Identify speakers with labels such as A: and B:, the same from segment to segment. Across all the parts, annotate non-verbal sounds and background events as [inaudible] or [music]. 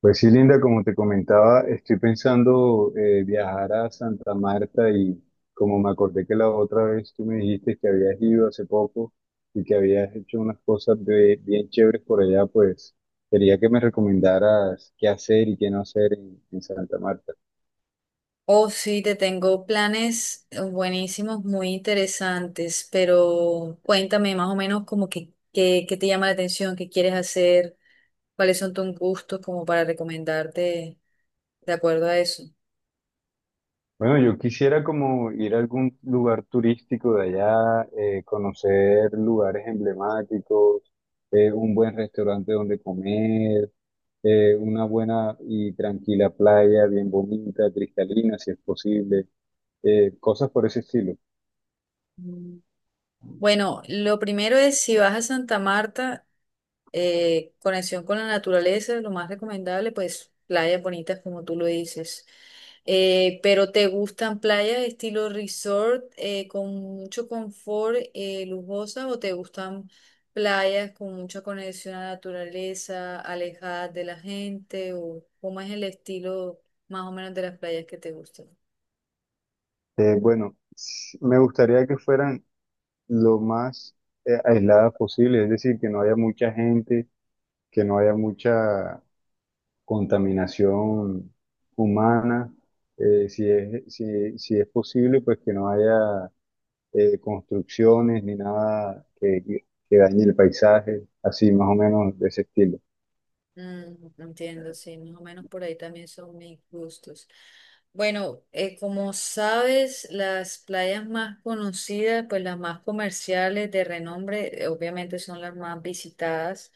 A: Pues sí, Linda, como te comentaba, estoy pensando viajar a Santa Marta y como me acordé que la otra vez tú me dijiste que habías ido hace poco y que habías hecho unas bien chéveres por allá, pues quería que me recomendaras qué hacer y qué no hacer en Santa Marta.
B: Oh, sí, te tengo planes buenísimos, muy interesantes, pero cuéntame más o menos como que, qué te llama la atención, qué quieres hacer, cuáles son tus gustos como para recomendarte de acuerdo a eso.
A: Bueno, yo quisiera como ir a algún lugar turístico de allá, conocer lugares emblemáticos, un buen restaurante donde comer, una buena y tranquila playa, bien bonita, cristalina, si es posible, cosas por ese estilo.
B: Mm. Bueno, lo primero es si vas a Santa Marta, conexión con la naturaleza, lo más recomendable, pues playas bonitas como tú lo dices. Pero ¿te gustan playas estilo resort con mucho confort, lujosas o te gustan playas con mucha conexión a la naturaleza, alejadas de la gente o cómo es el estilo más o menos de las playas que te gustan?
A: Me gustaría que fueran lo más, aisladas posible, es decir, que no haya mucha gente, que no haya mucha contaminación humana, si es posible, pues que no haya construcciones ni nada que dañe el paisaje, así más o menos de ese estilo.
B: Mm, entiendo, sí, más o menos por ahí también son mis gustos. Bueno, como sabes, las playas más conocidas, pues las más comerciales de renombre, obviamente son las más visitadas,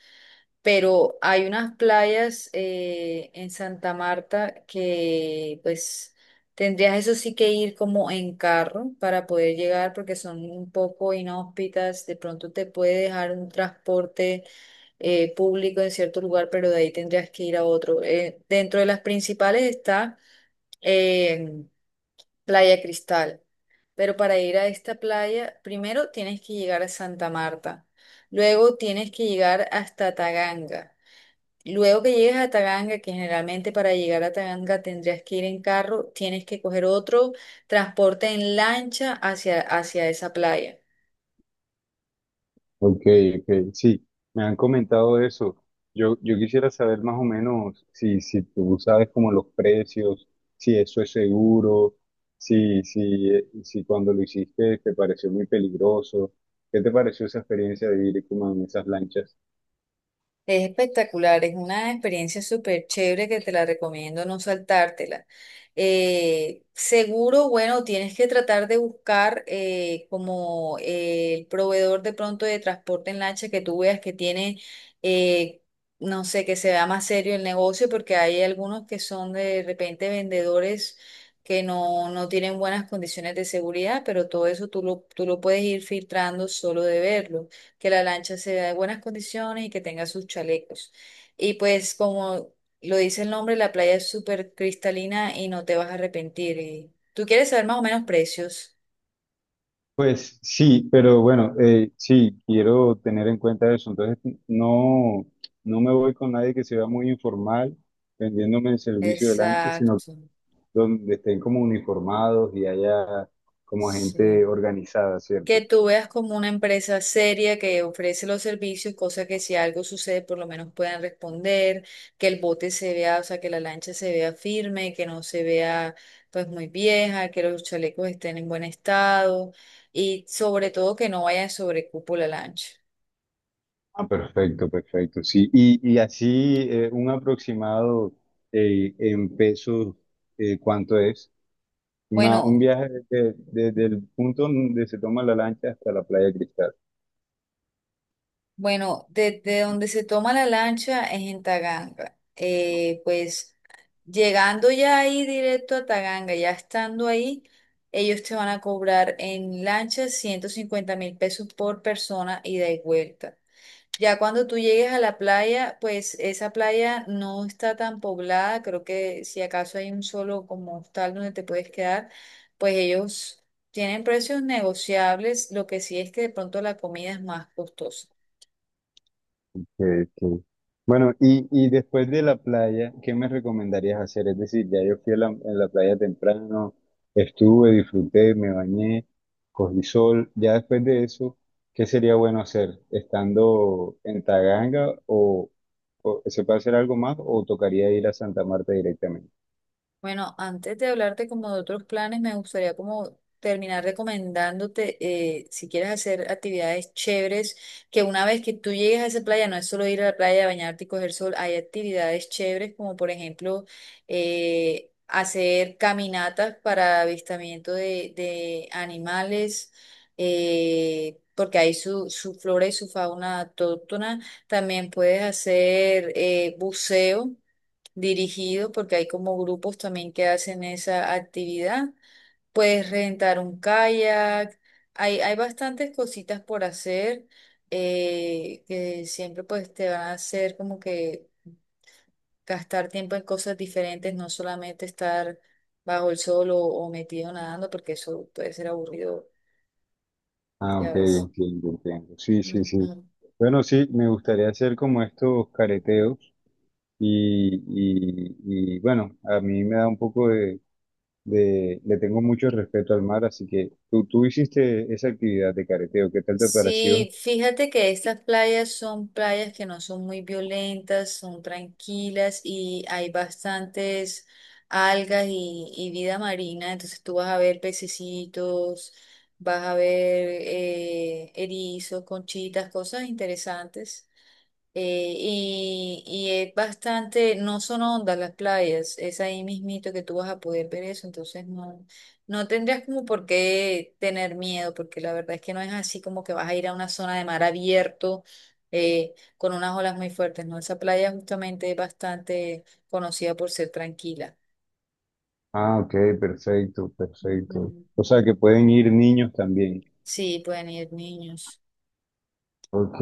B: pero hay unas playas en Santa Marta que pues tendrías eso sí que ir como en carro para poder llegar porque son un poco inhóspitas, de pronto te puede dejar un transporte público en cierto lugar, pero de ahí tendrías que ir a otro. Dentro de las principales está eh, Playa Cristal, pero para ir a esta playa, primero tienes que llegar a Santa Marta, luego tienes que llegar hasta Taganga. Luego que llegues a Taganga, que generalmente para llegar a Taganga tendrías que ir en carro, tienes que coger otro transporte en lancha hacia esa playa.
A: Ok, ok. Sí, me han comentado eso. Yo quisiera saber más o menos si tú sabes como los precios, si eso es seguro, si cuando lo hiciste te pareció muy peligroso. ¿Qué te pareció esa experiencia de ir como en esas lanchas?
B: Es espectacular, es una experiencia súper chévere que te la recomiendo no saltártela. Seguro, bueno, tienes que tratar de buscar como el proveedor de pronto de transporte en lancha que tú veas que tiene, eh, no sé, que se vea más serio el negocio, porque hay algunos que son de repente vendedores que no, no tienen buenas condiciones de seguridad, pero todo eso tú lo puedes ir filtrando solo de verlo que la lancha sea de buenas condiciones y que tenga sus chalecos. Y pues como lo dice el nombre, la playa es súper cristalina y no te vas a arrepentir. Y tú quieres saber más o menos precios.
A: Pues sí, pero bueno, sí, quiero tener en cuenta eso. Entonces, no, no me voy con nadie que se vea muy informal vendiéndome el servicio de lancha, sino
B: Exacto.
A: donde estén como uniformados y haya como
B: Sí.
A: gente organizada,
B: Que
A: ¿cierto?
B: tú veas como una empresa seria que ofrece los servicios, cosa que si algo sucede por lo menos puedan responder, que el bote se vea, o sea, que la lancha se vea firme, que no se vea pues muy vieja, que los chalecos estén en buen estado y sobre todo que no vaya sobre cupo la lancha.
A: Ah, perfecto, perfecto, sí. Y así un aproximado en pesos, ¿cuánto es? Un
B: Bueno,
A: desde el punto donde se toma la lancha hasta la playa Cristal.
B: Bueno, desde donde se toma la lancha es en Taganga. Pues llegando ya ahí directo a Taganga, ya estando ahí, ellos te van a cobrar en lancha 150.000 pesos por persona ida y vuelta. Ya cuando tú llegues a la playa, pues esa playa no está tan poblada, creo que si acaso hay un solo como hostal donde te puedes quedar, pues ellos tienen precios negociables, lo que sí es que de pronto la comida es más costosa.
A: Ok, ok. Bueno, y después de la playa, ¿qué me recomendarías hacer? Es decir, ya yo fui a a la playa temprano, estuve, disfruté, me bañé, cogí sol. Ya después de eso, ¿qué sería bueno hacer? ¿Estando en Taganga o se puede hacer algo más o tocaría ir a Santa Marta directamente?
B: Bueno, antes de hablarte como de otros planes, me gustaría como terminar recomendándote si quieres hacer actividades chéveres, que una vez que tú llegues a esa playa, no es solo ir a la playa, bañarte y coger sol, hay actividades chéveres como por ejemplo hacer caminatas para avistamiento de animales, porque hay su flora y su fauna autóctona. También puedes hacer buceo dirigido, porque hay como grupos también que hacen esa actividad. Puedes rentar un kayak, hay bastantes cositas por hacer que siempre pues te van a hacer como que gastar tiempo en cosas diferentes, no solamente estar bajo el sol o metido nadando, porque eso puede ser aburrido,
A: Ah,
B: ya
A: ok,
B: ves.
A: entiendo, entiendo. Sí, sí, sí.
B: Ujú.
A: Bueno, sí, me gustaría hacer como estos careteos y, y, y bueno, a mí me da un poco de le tengo mucho respeto al mar, así que tú hiciste esa actividad de careteo, ¿qué tal te pareció?
B: Sí, fíjate que estas playas son playas que no son muy violentas, son tranquilas y hay bastantes algas y vida marina, entonces tú vas a ver pececitos, vas a ver erizos, conchitas, cosas interesantes. Y es bastante, no son ondas las playas, es ahí mismito que tú vas a poder ver eso, entonces no, no tendrías como por qué tener miedo, porque la verdad es que no es así como que vas a ir a una zona de mar abierto con unas olas muy fuertes, ¿no? Esa playa justamente es bastante conocida por ser tranquila.
A: Ah, ok, perfecto, perfecto. O
B: Ujú.
A: sea que pueden ir niños también.
B: Sí, pueden ir niños.
A: Ok,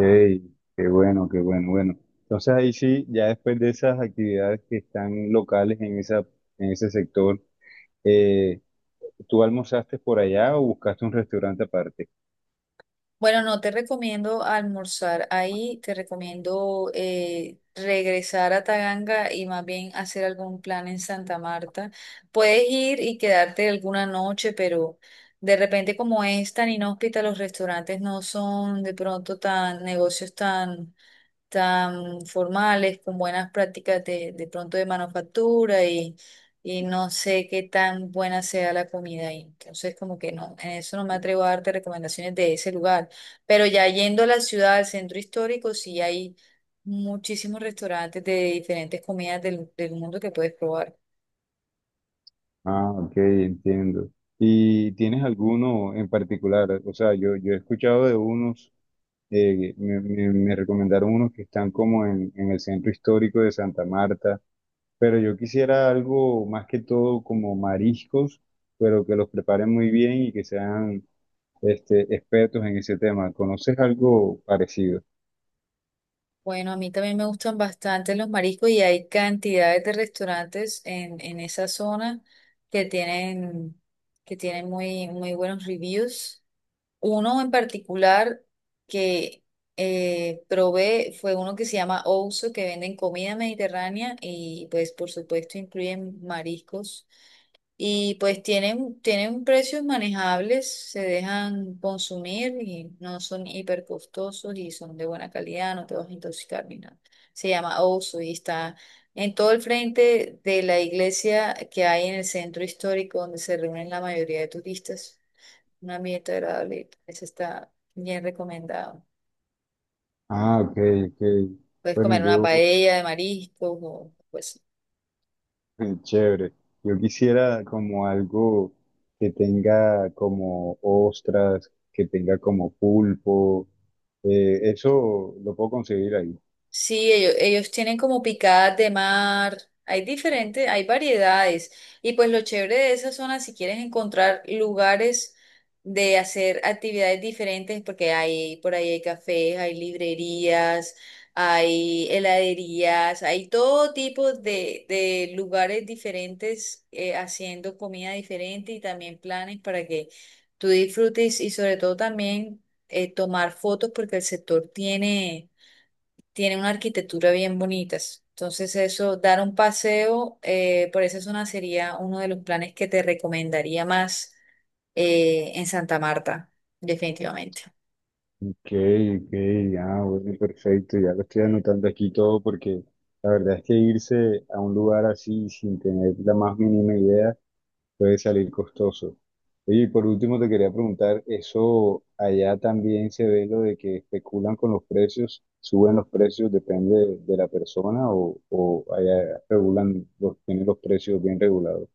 A: qué bueno, bueno. Entonces ahí sí, ya después de esas actividades que están locales en en ese sector, eh, ¿tú almorzaste por allá o buscaste un restaurante aparte?
B: Bueno, no te recomiendo almorzar ahí, te recomiendo regresar a Taganga y más bien hacer algún plan en Santa Marta. Puedes ir y quedarte alguna noche, pero de repente como es tan inhóspita, los restaurantes no son de pronto tan negocios tan formales, con buenas prácticas de pronto de manufactura y no sé qué tan buena sea la comida ahí. Entonces, como que no, en eso no me atrevo a darte recomendaciones de ese lugar. Pero ya yendo a la ciudad, al centro histórico, sí hay muchísimos restaurantes de diferentes comidas del, del mundo que puedes probar.
A: Ah, ok, entiendo. ¿Y tienes alguno en particular? O sea, yo he escuchado de unos. Eh, me recomendaron unos que están como en el centro histórico de Santa Marta, pero yo quisiera algo más que todo como mariscos, pero que los preparen muy bien y que sean este, expertos en ese tema. ¿Conoces algo parecido?
B: Bueno, a mí también me gustan bastante los mariscos y hay cantidades de restaurantes en esa zona que tienen, que tienen muy, muy buenos reviews. Uno en particular que probé fue uno que se llama Ouzo, que venden comida mediterránea y pues por supuesto incluyen mariscos. Y pues tienen precios manejables, se dejan consumir y no son hiper costosos y son de buena calidad, no te vas a intoxicar ni nada. Se llama Osu y está en todo el frente de la iglesia que hay en el centro histórico donde se reúnen la mayoría de turistas. Un ambiente agradable, eso está bien recomendado.
A: Ah, ok, ok.
B: Puedes
A: Bueno,
B: comer una paella de mariscos o pues.
A: chévere. Yo quisiera como algo que tenga como ostras, que tenga como pulpo. Eso lo puedo conseguir ahí.
B: Sí, ellos tienen como picadas de mar, hay diferentes, hay variedades. Y pues lo chévere de esa zona, si quieres encontrar lugares de hacer actividades diferentes, porque hay, por ahí hay cafés, hay librerías, hay heladerías, hay todo tipo de lugares diferentes haciendo comida diferente y también planes para que tú disfrutes y sobre todo también tomar fotos porque el sector tiene una arquitectura bien bonita. Entonces eso, dar un paseo por esa zona sería uno de los planes que te recomendaría más en Santa Marta, definitivamente.
A: Ok, ok, ah, bueno, perfecto, ya lo estoy anotando aquí todo porque la verdad es que irse a un lugar así sin tener la más mínima idea puede salir costoso. Oye, y por último te quería preguntar, ¿eso allá también se ve lo de que especulan con los precios, suben los precios, depende de la persona o allá regulan, los, tienen los precios bien regulados?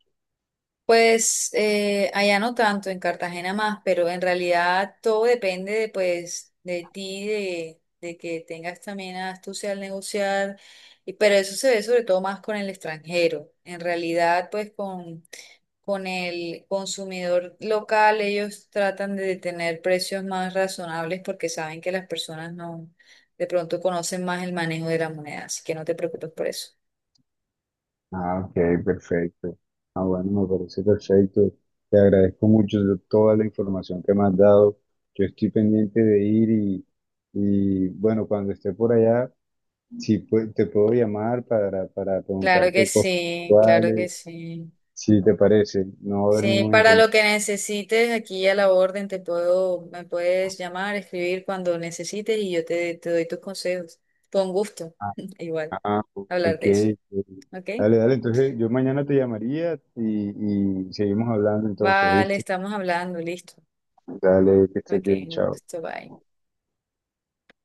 B: Pues allá no tanto, en Cartagena más, pero en realidad todo depende de, pues, de ti, de que tengas también astucia al negociar, y- pero eso se ve sobre todo más con el extranjero. En realidad, pues con el consumidor local, ellos tratan de tener precios más razonables porque saben que las personas no, de pronto conocen más el manejo de la moneda, así que no te preocupes por eso.
A: Ah, ok, perfecto. Ah, bueno, me parece perfecto. Te agradezco mucho de toda la información que me has dado. Yo estoy pendiente de ir y bueno, cuando esté por allá, si pue- te puedo llamar para
B: Claro que
A: preguntarte cosas
B: sí, claro que
A: actuales,
B: sí.
A: si te parece, no va a haber
B: Sí,
A: ningún
B: para lo
A: inconveniente.
B: que necesites, aquí a la orden te puedo, me puedes llamar, escribir cuando necesites y yo te, te doy tus consejos. Con gusto,
A: Ah,
B: [laughs] igual,
A: ah,
B: hablar
A: ok.
B: de eso. ¿Ok?
A: Dale, dale, entonces yo mañana te llamaría y seguimos hablando entonces,
B: Vale,
A: ¿viste?
B: estamos hablando, listo.
A: Dale, que estés
B: Ok,
A: bien,
B: un
A: chao.
B: gusto, bye.